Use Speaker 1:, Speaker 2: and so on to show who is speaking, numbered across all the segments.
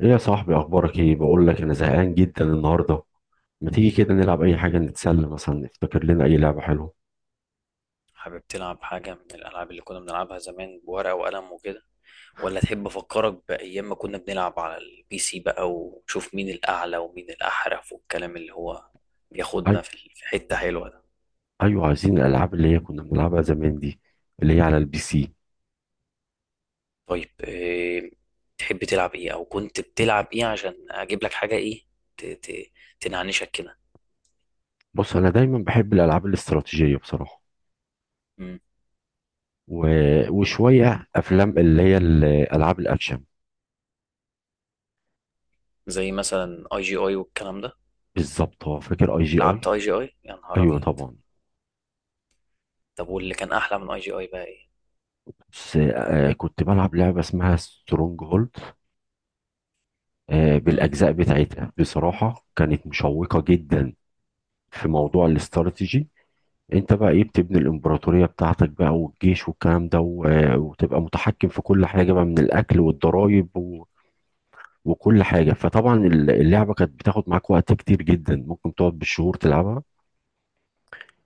Speaker 1: ايه يا صاحبي، اخبارك؟ ايه، بقول لك انا زهقان جدا النهارده. ما تيجي كده نلعب اي حاجه نتسلى، مثلا نفتكر لنا اي لعبه حلوه؟
Speaker 2: حابب تلعب حاجة من الألعاب اللي كنا بنلعبها زمان بورقة وقلم وكده، ولا تحب أفكرك بأيام ما كنا بنلعب على البي سي بقى ونشوف مين الأعلى ومين الأحرف والكلام اللي هو
Speaker 1: أي...
Speaker 2: بياخدنا في حتة حلوة ده؟
Speaker 1: ايوه، عايزين الالعاب اللي هي كنا بنلعبها زمان دي، اللي هي على البي سي.
Speaker 2: طيب إيه تحب تلعب إيه أو كنت بتلعب إيه عشان أجيب لك حاجة إيه ت- ت- تنعنشك كده؟
Speaker 1: بص، انا دايما بحب الالعاب الاستراتيجيه بصراحه،
Speaker 2: مم.
Speaker 1: و... وشويه افلام اللي هي الالعاب الاكشن.
Speaker 2: زي مثلا أي جي أي والكلام ده.
Speaker 1: بالظبط، هو فاكر اي جي
Speaker 2: لعبت
Speaker 1: اي.
Speaker 2: أي جي أي يا نهار
Speaker 1: ايوه
Speaker 2: أبيض.
Speaker 1: طبعا.
Speaker 2: طب واللي كان أحلى من أي جي أي بقى إيه؟
Speaker 1: بس آه، كنت بلعب لعبه اسمها سترونج هولد. آه،
Speaker 2: مم.
Speaker 1: بالاجزاء بتاعتها بصراحه كانت مشوقه جدا في موضوع الاستراتيجي. انت بقى ايه، بتبني الامبراطورية بتاعتك بقى والجيش والكلام ده، و- وتبقى متحكم في كل حاجة بقى من الاكل والضرائب وكل حاجة. فطبعا اللعبة كانت بتاخد معاك وقت كتير جدا، ممكن تقعد بالشهور تلعبها.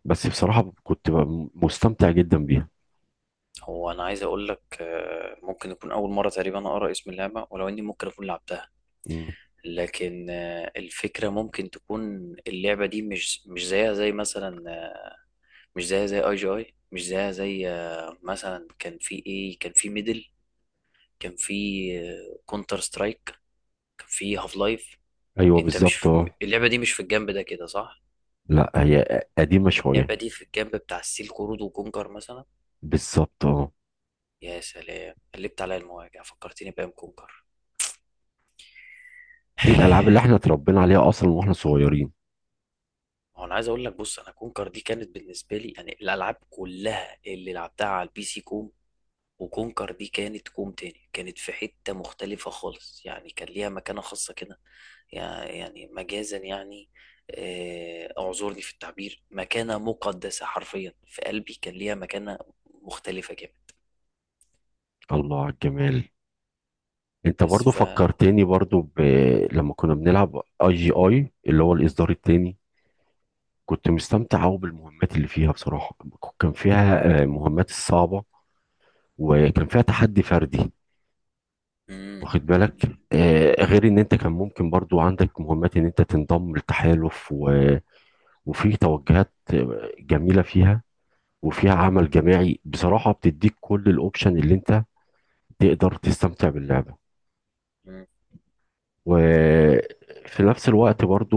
Speaker 1: بس بصراحة كنت بقى مستمتع جدا بيها.
Speaker 2: هو انا عايز اقول لك ممكن يكون اول مره تقريبا اقرا اسم اللعبه ولو اني ممكن اكون لعبتها.
Speaker 1: مم.
Speaker 2: لكن الفكره ممكن تكون اللعبه دي مش زيها زي مثلا مش زيها زي اي جي اي مش زيها زي مثلا كان في ايه، كان في ميدل، كان في كونتر سترايك، كان في هاف لايف.
Speaker 1: ايوه
Speaker 2: انت مش
Speaker 1: بالظبط
Speaker 2: في-
Speaker 1: اه.
Speaker 2: اللعبه دي مش في الجنب ده كده صح؟
Speaker 1: لا هي قديمة شوية.
Speaker 2: اللعبه دي في الجنب بتاع السيل قرود وكونكر مثلا.
Speaker 1: بالظبط اه.
Speaker 2: يا سلام، قلبت عليا المواجع، فكرتني بايام كونكر.
Speaker 1: دي الالعاب اللي احنا اتربينا عليها اصلا واحنا صغيرين.
Speaker 2: هو انا عايز اقول لك بص، انا كونكر دي كانت بالنسبه لي يعني الالعاب كلها اللي لعبتها على البي سي كوم، وكونكر دي كانت كوم تاني، كانت في حته مختلفه خالص، يعني كان ليها مكانه خاصه كده. يعني مجازا يعني، اعذرني في التعبير، مكانه مقدسه حرفيا في قلبي، كان ليها مكانه مختلفه جدا.
Speaker 1: الله على الجمال. انت
Speaker 2: بس
Speaker 1: برضو
Speaker 2: ف
Speaker 1: فكرتني برضو ب... لما كنا بنلعب اي جي اي اللي هو الاصدار التاني، كنت مستمتع أوي بالمهمات اللي فيها بصراحة. كان فيها مهمات الصعبة، وكان فيها تحدي فردي.
Speaker 2: مم.
Speaker 1: واخد بالك، غير ان انت كان ممكن برضو عندك مهمات ان انت تنضم للتحالف وفي توجهات جميلة فيها، وفيها عمل جماعي. بصراحة بتديك كل الاوبشن اللي انت تقدر تستمتع باللعبة.
Speaker 2: مم.
Speaker 1: وفي نفس الوقت برضو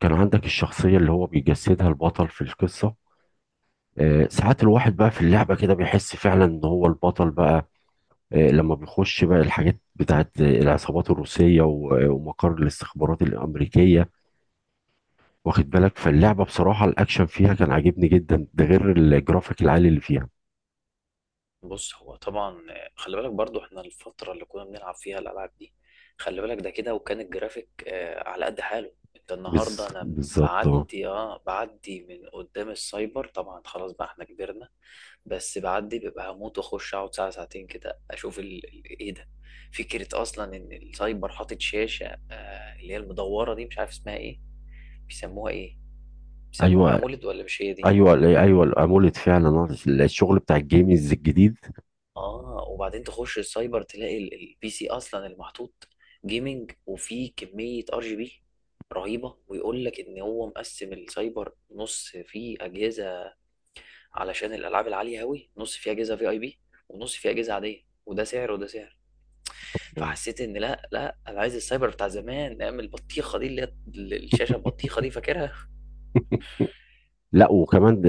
Speaker 1: كان عندك الشخصية اللي هو بيجسدها البطل في القصة. ساعات الواحد بقى في اللعبة كده بيحس فعلا ان هو البطل بقى. لما بيخش بقى الحاجات بتاعت العصابات الروسية ومقر الاستخبارات الأمريكية. واخد بالك، فاللعبة بصراحة الأكشن فيها كان عاجبني جدا، ده غير الجرافيك العالي اللي فيها.
Speaker 2: بص، هو طبعا خلي بالك برضو، احنا الفترة اللي كنا بنلعب فيها الألعاب دي، خلي بالك ده كده، وكان الجرافيك على قد حاله. انت النهاردة انا
Speaker 1: بالظبط اه.
Speaker 2: بعدي من قدام السايبر طبعا، خلاص بقى احنا كبرنا. بس بعدي ببقى هموت واخش اقعد ساعة ساعتين كده اشوف ايه ده، فكرة اصلا ان السايبر حاطط شاشة اللي هي المدورة دي، مش عارف اسمها ايه. بيسموها ايه؟ بيسموها
Speaker 1: ايوه
Speaker 2: امولد ولا مش هي دي؟
Speaker 1: ايوه ايوه، الاموليد فعلا. الشغل بتاع الجيمز الجديد.
Speaker 2: اه، وبعدين تخش السايبر تلاقي البي سي اصلا المحطوط جيمنج، وفيه كمية ار جي بي رهيبة، ويقول لك ان هو مقسم السايبر، نص فيه اجهزة علشان الالعاب العالية اوي، نص فيه اجهزة في اي بي، ونص فيه اجهزة عادية، وده سعر وده سعر.
Speaker 1: آه.
Speaker 2: فحسيت ان لا، لا، انا عايز السايبر بتاع زمان، ايام البطيخة دي، اللي هي الشاشة البطيخة دي، فاكرها؟
Speaker 1: لا وكمان ده.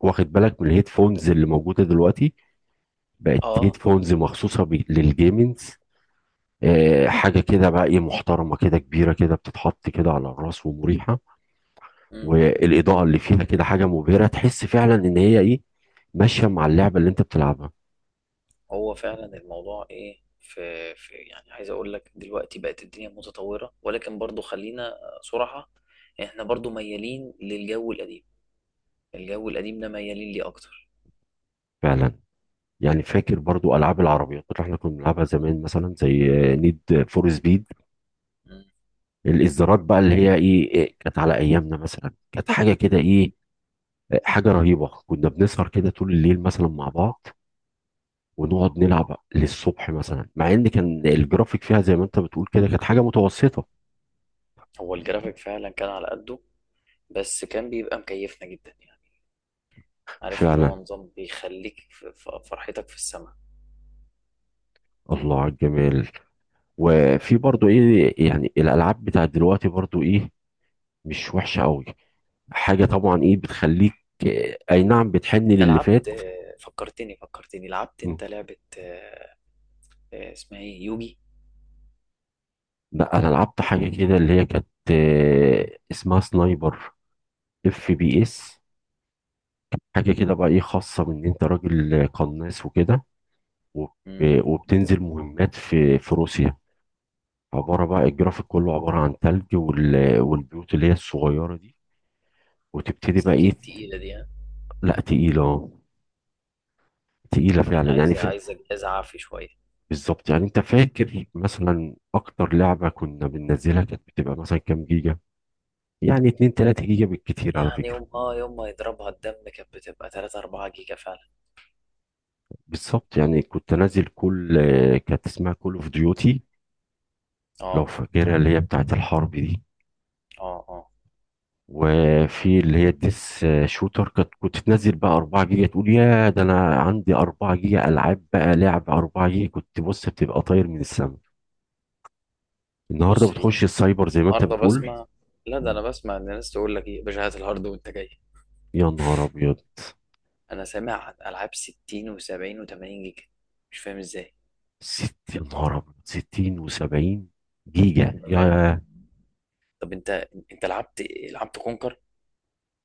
Speaker 1: واخد بالك من الهيدفونز اللي موجوده دلوقتي، بقت
Speaker 2: اه.
Speaker 1: هيدفونز مخصوصه للجيمنز. حاجة كده بقى ايه، محترمة كده، كبيرة كده، بتتحط كده على الراس ومريحة. والإضاءة اللي فيها كده حاجة مبهرة، تحس فعلا إن هي ايه، ماشية مع اللعبة اللي أنت بتلعبها.
Speaker 2: هو فعلا الموضوع ايه، في يعني، عايز اقول لك دلوقتي بقت الدنيا متطورة، ولكن برضو خلينا صراحة، احنا برضو ميالين للجو القديم، الجو القديم ده ميالين ليه اكتر.
Speaker 1: فعلا. يعني فاكر برضو ألعاب العربيات اللي احنا كنا بنلعبها زمان، مثلا زي نيد فور سبيد.
Speaker 2: مم.
Speaker 1: الإصدارات بقى اللي هي ايه إيه، كانت على أيامنا مثلا كانت حاجة كده ايه، حاجة رهيبة. كنا بنسهر كده طول الليل مثلا مع بعض ونقعد نلعب للصبح مثلا، مع ان كان الجرافيك فيها زي ما انت بتقول كده كانت حاجة متوسطة.
Speaker 2: هو الجرافيك فعلا كان على قده، بس كان بيبقى مكيفنا جدا يعني، عارف اللي هو
Speaker 1: فعلا.
Speaker 2: نظام بيخليك في فرحتك في السماء.
Speaker 1: الله على الجمال. وفي برضو ايه، يعني الالعاب بتاعت دلوقتي برضو ايه، مش وحشه قوي، حاجه طبعا ايه بتخليك، اي نعم، بتحن
Speaker 2: انت
Speaker 1: للي فات.
Speaker 2: لعبت فكرتني لعبت
Speaker 1: مم.
Speaker 2: انت لعبة اسمها ايه يوجي.
Speaker 1: لا، انا لعبت حاجه كده اللي هي كانت، اسمها سنايبر اف بي اس. حاجه كده بقى ايه، خاصه بان انت راجل قناص وكده، وب-
Speaker 2: مم.
Speaker 1: وبتنزل مهمات في روسيا. عباره بقى الجرافيك كله عباره عن ثلج والبيوت اللي هي الصغيره دي، وتبتدي
Speaker 2: بس
Speaker 1: بقى ايه.
Speaker 2: اكيد تقيلة دي، ها؟
Speaker 1: لا تقيلة. تقيلة
Speaker 2: يعني
Speaker 1: فعلا يعني
Speaker 2: عايزة
Speaker 1: ف...
Speaker 2: عايزة جهاز عافي شوية.
Speaker 1: بالظبط. يعني انت فاكر مثلا اكتر لعبة كنا بننزلها كانت بتبقى مثلا كام جيجا؟ يعني 2 3 جيجا بالكتير على
Speaker 2: يعني
Speaker 1: فكرة.
Speaker 2: يوم ما يضربها الدم كانت بتبقى 3 4 جيجا فعلا.
Speaker 1: بالظبط. يعني كنت انزل كل كانت اسمها كول اوف ديوتي، لو
Speaker 2: اه،
Speaker 1: فاكرها، اللي هي بتاعت الحرب دي.
Speaker 2: اه، اه.
Speaker 1: وفي اللي هي الديس شوتر. كانت كنت تنزل بقى 4 جيجا، تقول يا ده انا عندي 4 جيجا العاب، بقى لعب 4 جيجا كنت بص بتبقى طاير من السما. النهارده
Speaker 2: بص هي
Speaker 1: بتخش السايبر زي ما انت
Speaker 2: النهارده
Speaker 1: بتقول.
Speaker 2: بسمع، لا ده انا بسمع ان الناس تقول لك ايه يا باشا، هات الهارد وانت جاي.
Speaker 1: يا نهار ابيض.
Speaker 2: انا سامع عن العاب 60 و70 و80 جيجا، مش فاهم ازاي.
Speaker 1: ست يا نهار أبيض. 60 و70 جيجا يا
Speaker 2: بامان.
Speaker 1: يا
Speaker 2: طب انت لعبت إيه؟ لعبت كونكر؟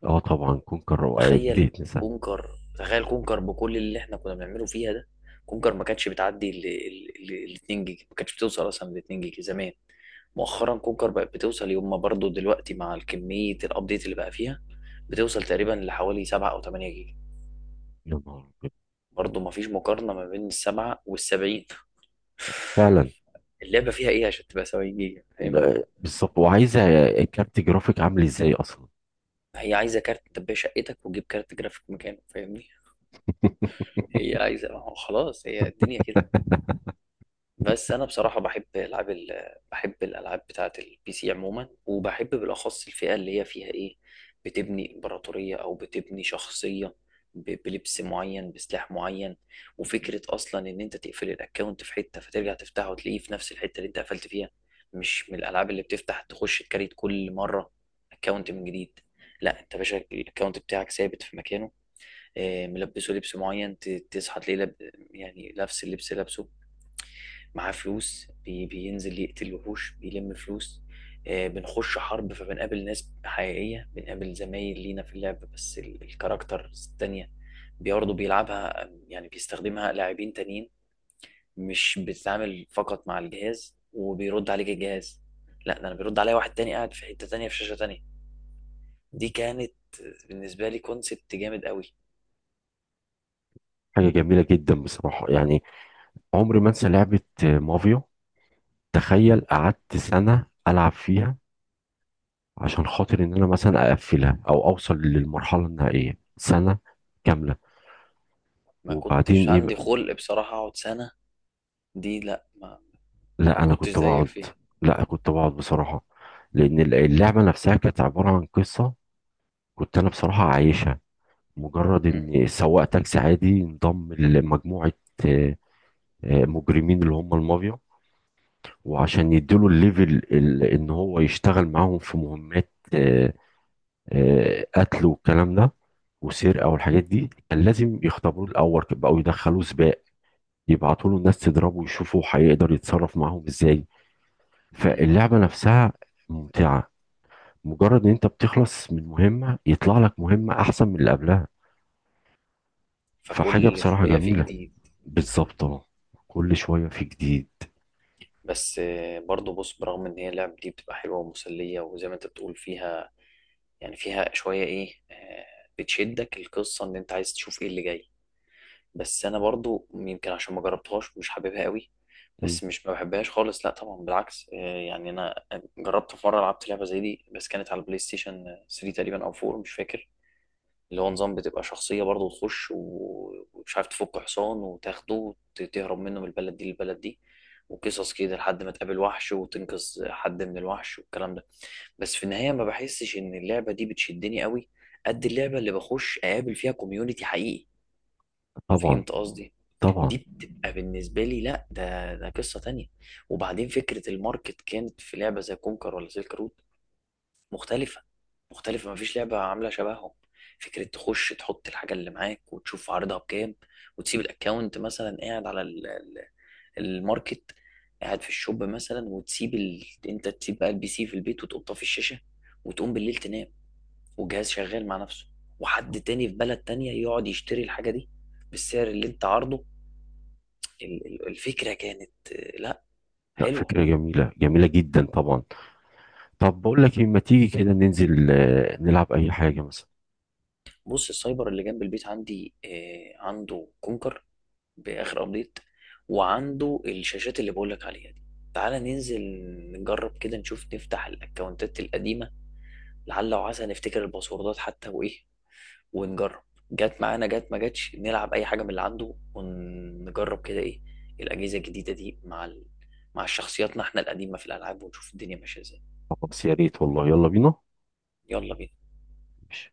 Speaker 1: اه طبعا كونكر دي
Speaker 2: تخيل
Speaker 1: تنسى.
Speaker 2: كونكر، تخيل كونكر بكل اللي احنا كنا بنعمله فيها ده. كونكر ما كانتش بتعدي 2 جيجا، ما كانتش بتوصل اصلا ل 2 جيجا زمان. مؤخرا كونكر بقت بتوصل يوم ما برضه دلوقتي مع الكمية الابديت اللي بقى فيها، بتوصل تقريبا لحوالي 7 او 8 جيجا.
Speaker 1: يا نهار أبيض.
Speaker 2: برضه ما فيش مقارنة ما بين السبعة والسبعين.
Speaker 1: فعلا.
Speaker 2: اللعبة فيها ايه عشان تبقى 70 جيجا، فاهمني؟
Speaker 1: لا، بالظبط. وعايزه كارت جرافيك عامل ازاي اصلا.
Speaker 2: هي عايزة كارت تبقى شقتك وتجيب كارت جرافيك مكانه، فاهمني؟ هي عايزة، ما هو خلاص هي الدنيا كده. بس انا بصراحه بحب العاب بحب الالعاب بتاعه البي سي عموما، وبحب بالاخص الفئه اللي هي فيها ايه، بتبني امبراطوريه او بتبني شخصيه، بلبس معين بسلاح معين. وفكره اصلا ان انت تقفل الاكونت في حته فترجع تفتحه وتلاقيه في نفس الحته اللي انت قفلت فيها. مش من الالعاب اللي بتفتح تخش تكريت كل مره اكونت من جديد. لا، انت يا باشا الاكونت بتاعك ثابت في مكانه، ملبسه لبس معين، تصحى تلاقيه يعني نفس اللبس لابسه، معاه فلوس، بينزل يقتل وحوش بيلم فلوس. بنخش حرب فبنقابل ناس حقيقية، بنقابل زمايل لينا في اللعب، بس الكاركتر التانية برضه بيلعبها يعني بيستخدمها لاعبين تانيين، مش بتتعامل فقط مع الجهاز وبيرد عليك الجهاز. لا، ده انا بيرد عليا واحد تاني قاعد في حتة تانية في شاشة تانية. دي كانت بالنسبة لي كونسبت جامد قوي.
Speaker 1: حاجه جميله جدا بصراحه يعني. عمري ما انسى لعبه مافيا. تخيل قعدت سنة العب فيها، عشان خاطر ان انا مثلا اقفلها او اوصل للمرحله النهائيه سنة كامله.
Speaker 2: ما
Speaker 1: وبعدين
Speaker 2: كنتش
Speaker 1: ايه.
Speaker 2: عندي خلق بصراحة اقعد سنة. دي لا ما
Speaker 1: لا
Speaker 2: ما
Speaker 1: انا
Speaker 2: كنتش
Speaker 1: كنت
Speaker 2: زيك
Speaker 1: بقعد.
Speaker 2: فيها.
Speaker 1: لا كنت بقعد بصراحه. لان اللعبه نفسها كانت عباره عن قصه، كنت انا بصراحه عايشها. مجرد ان سواق تاكسي عادي انضم لمجموعه، آه، مجرمين اللي هم المافيا. وعشان يديله الليفل، ان هو يشتغل معاهم في مهمات، قتل والكلام ده وسرقه والحاجات دي، كان لازم يختبروه الاول. بقوا يدخلوه سباق، يبعتوا له ناس تضربه ويشوفوا هيقدر يتصرف معاهم ازاي.
Speaker 2: مم.
Speaker 1: فاللعبه نفسها ممتعه. مجرد ان انت بتخلص من مهمة يطلع لك مهمة احسن من اللي قبلها، فحاجة
Speaker 2: فكل
Speaker 1: بصراحة
Speaker 2: شوية في
Speaker 1: جميلة.
Speaker 2: جديد.
Speaker 1: بالظبط اه. كل شوية في جديد.
Speaker 2: بس برضو بص، برغم ان هي اللعب دي بتبقى حلوة ومسلية وزي ما انت بتقول فيها، يعني فيها شوية ايه بتشدك القصة ان انت عايز تشوف ايه اللي جاي. بس انا برضو يمكن عشان ما جربتهاش مش حاببها قوي.
Speaker 1: مم.
Speaker 2: بس مش ما بحبهاش خالص، لا طبعا بالعكس، يعني انا جربت في مرة لعبت لعبة زي دي بس كانت على البلاي ستيشن 3 تقريبا او 4، مش فاكر. اللي هو نظام بتبقى شخصية برضه تخش ومش عارف تفك حصان وتاخده وتهرب منه من البلد دي للبلد دي، وقصص كده لحد ما تقابل وحش وتنقذ حد من الوحش والكلام ده. بس في النهاية ما بحسش إن اللعبة دي بتشدني قوي قد اللعبة اللي بخش أقابل فيها كوميونيتي حقيقي.
Speaker 1: طبعا.
Speaker 2: فهمت قصدي؟
Speaker 1: طبعا.
Speaker 2: دي بتبقى بالنسبة لي لا، ده قصة تانية. وبعدين فكرة الماركت كانت في لعبة زي كونكر ولا سيلك رود مختلفة. مختلفة مفيش لعبة عاملة شبههم. فكرة تخش تحط الحاجة اللي معاك وتشوف عرضها بكام، وتسيب الاكونت مثلا قاعد على الماركت، قاعد في الشوب مثلا، وتسيب انت تسيب بقى البي سي في البيت، وتقوم طافي الشاشة، وتقوم بالليل تنام والجهاز شغال مع نفسه، وحد تاني في بلد تانية يقعد يشتري الحاجة دي بالسعر اللي انت عارضه. الفكرة كانت لا،
Speaker 1: لا،
Speaker 2: حلوة.
Speaker 1: فكرة جميلة جميلة جدا طبعا. طب بقول لك إيه، ما تيجي كده ننزل نلعب اي حاجة مثلا؟
Speaker 2: بص السايبر اللي جنب البيت عندي عنده كونكر باخر ابديت، وعنده الشاشات اللي بقولك عليها دي، تعالى ننزل نجرب كده، نشوف نفتح الاكونتات القديمة، لعل وعسى نفتكر الباسوردات حتى وايه، ونجرب. جت معانا جت ما جاتش نلعب اي حاجة من اللي عنده، ونجرب كده ايه الاجهزة الجديدة دي مع مع شخصياتنا احنا القديمة في الالعاب، ونشوف الدنيا ماشية ازاي.
Speaker 1: خلاص يا ريت والله، يلا بينا.
Speaker 2: يلا بينا.
Speaker 1: ماشي.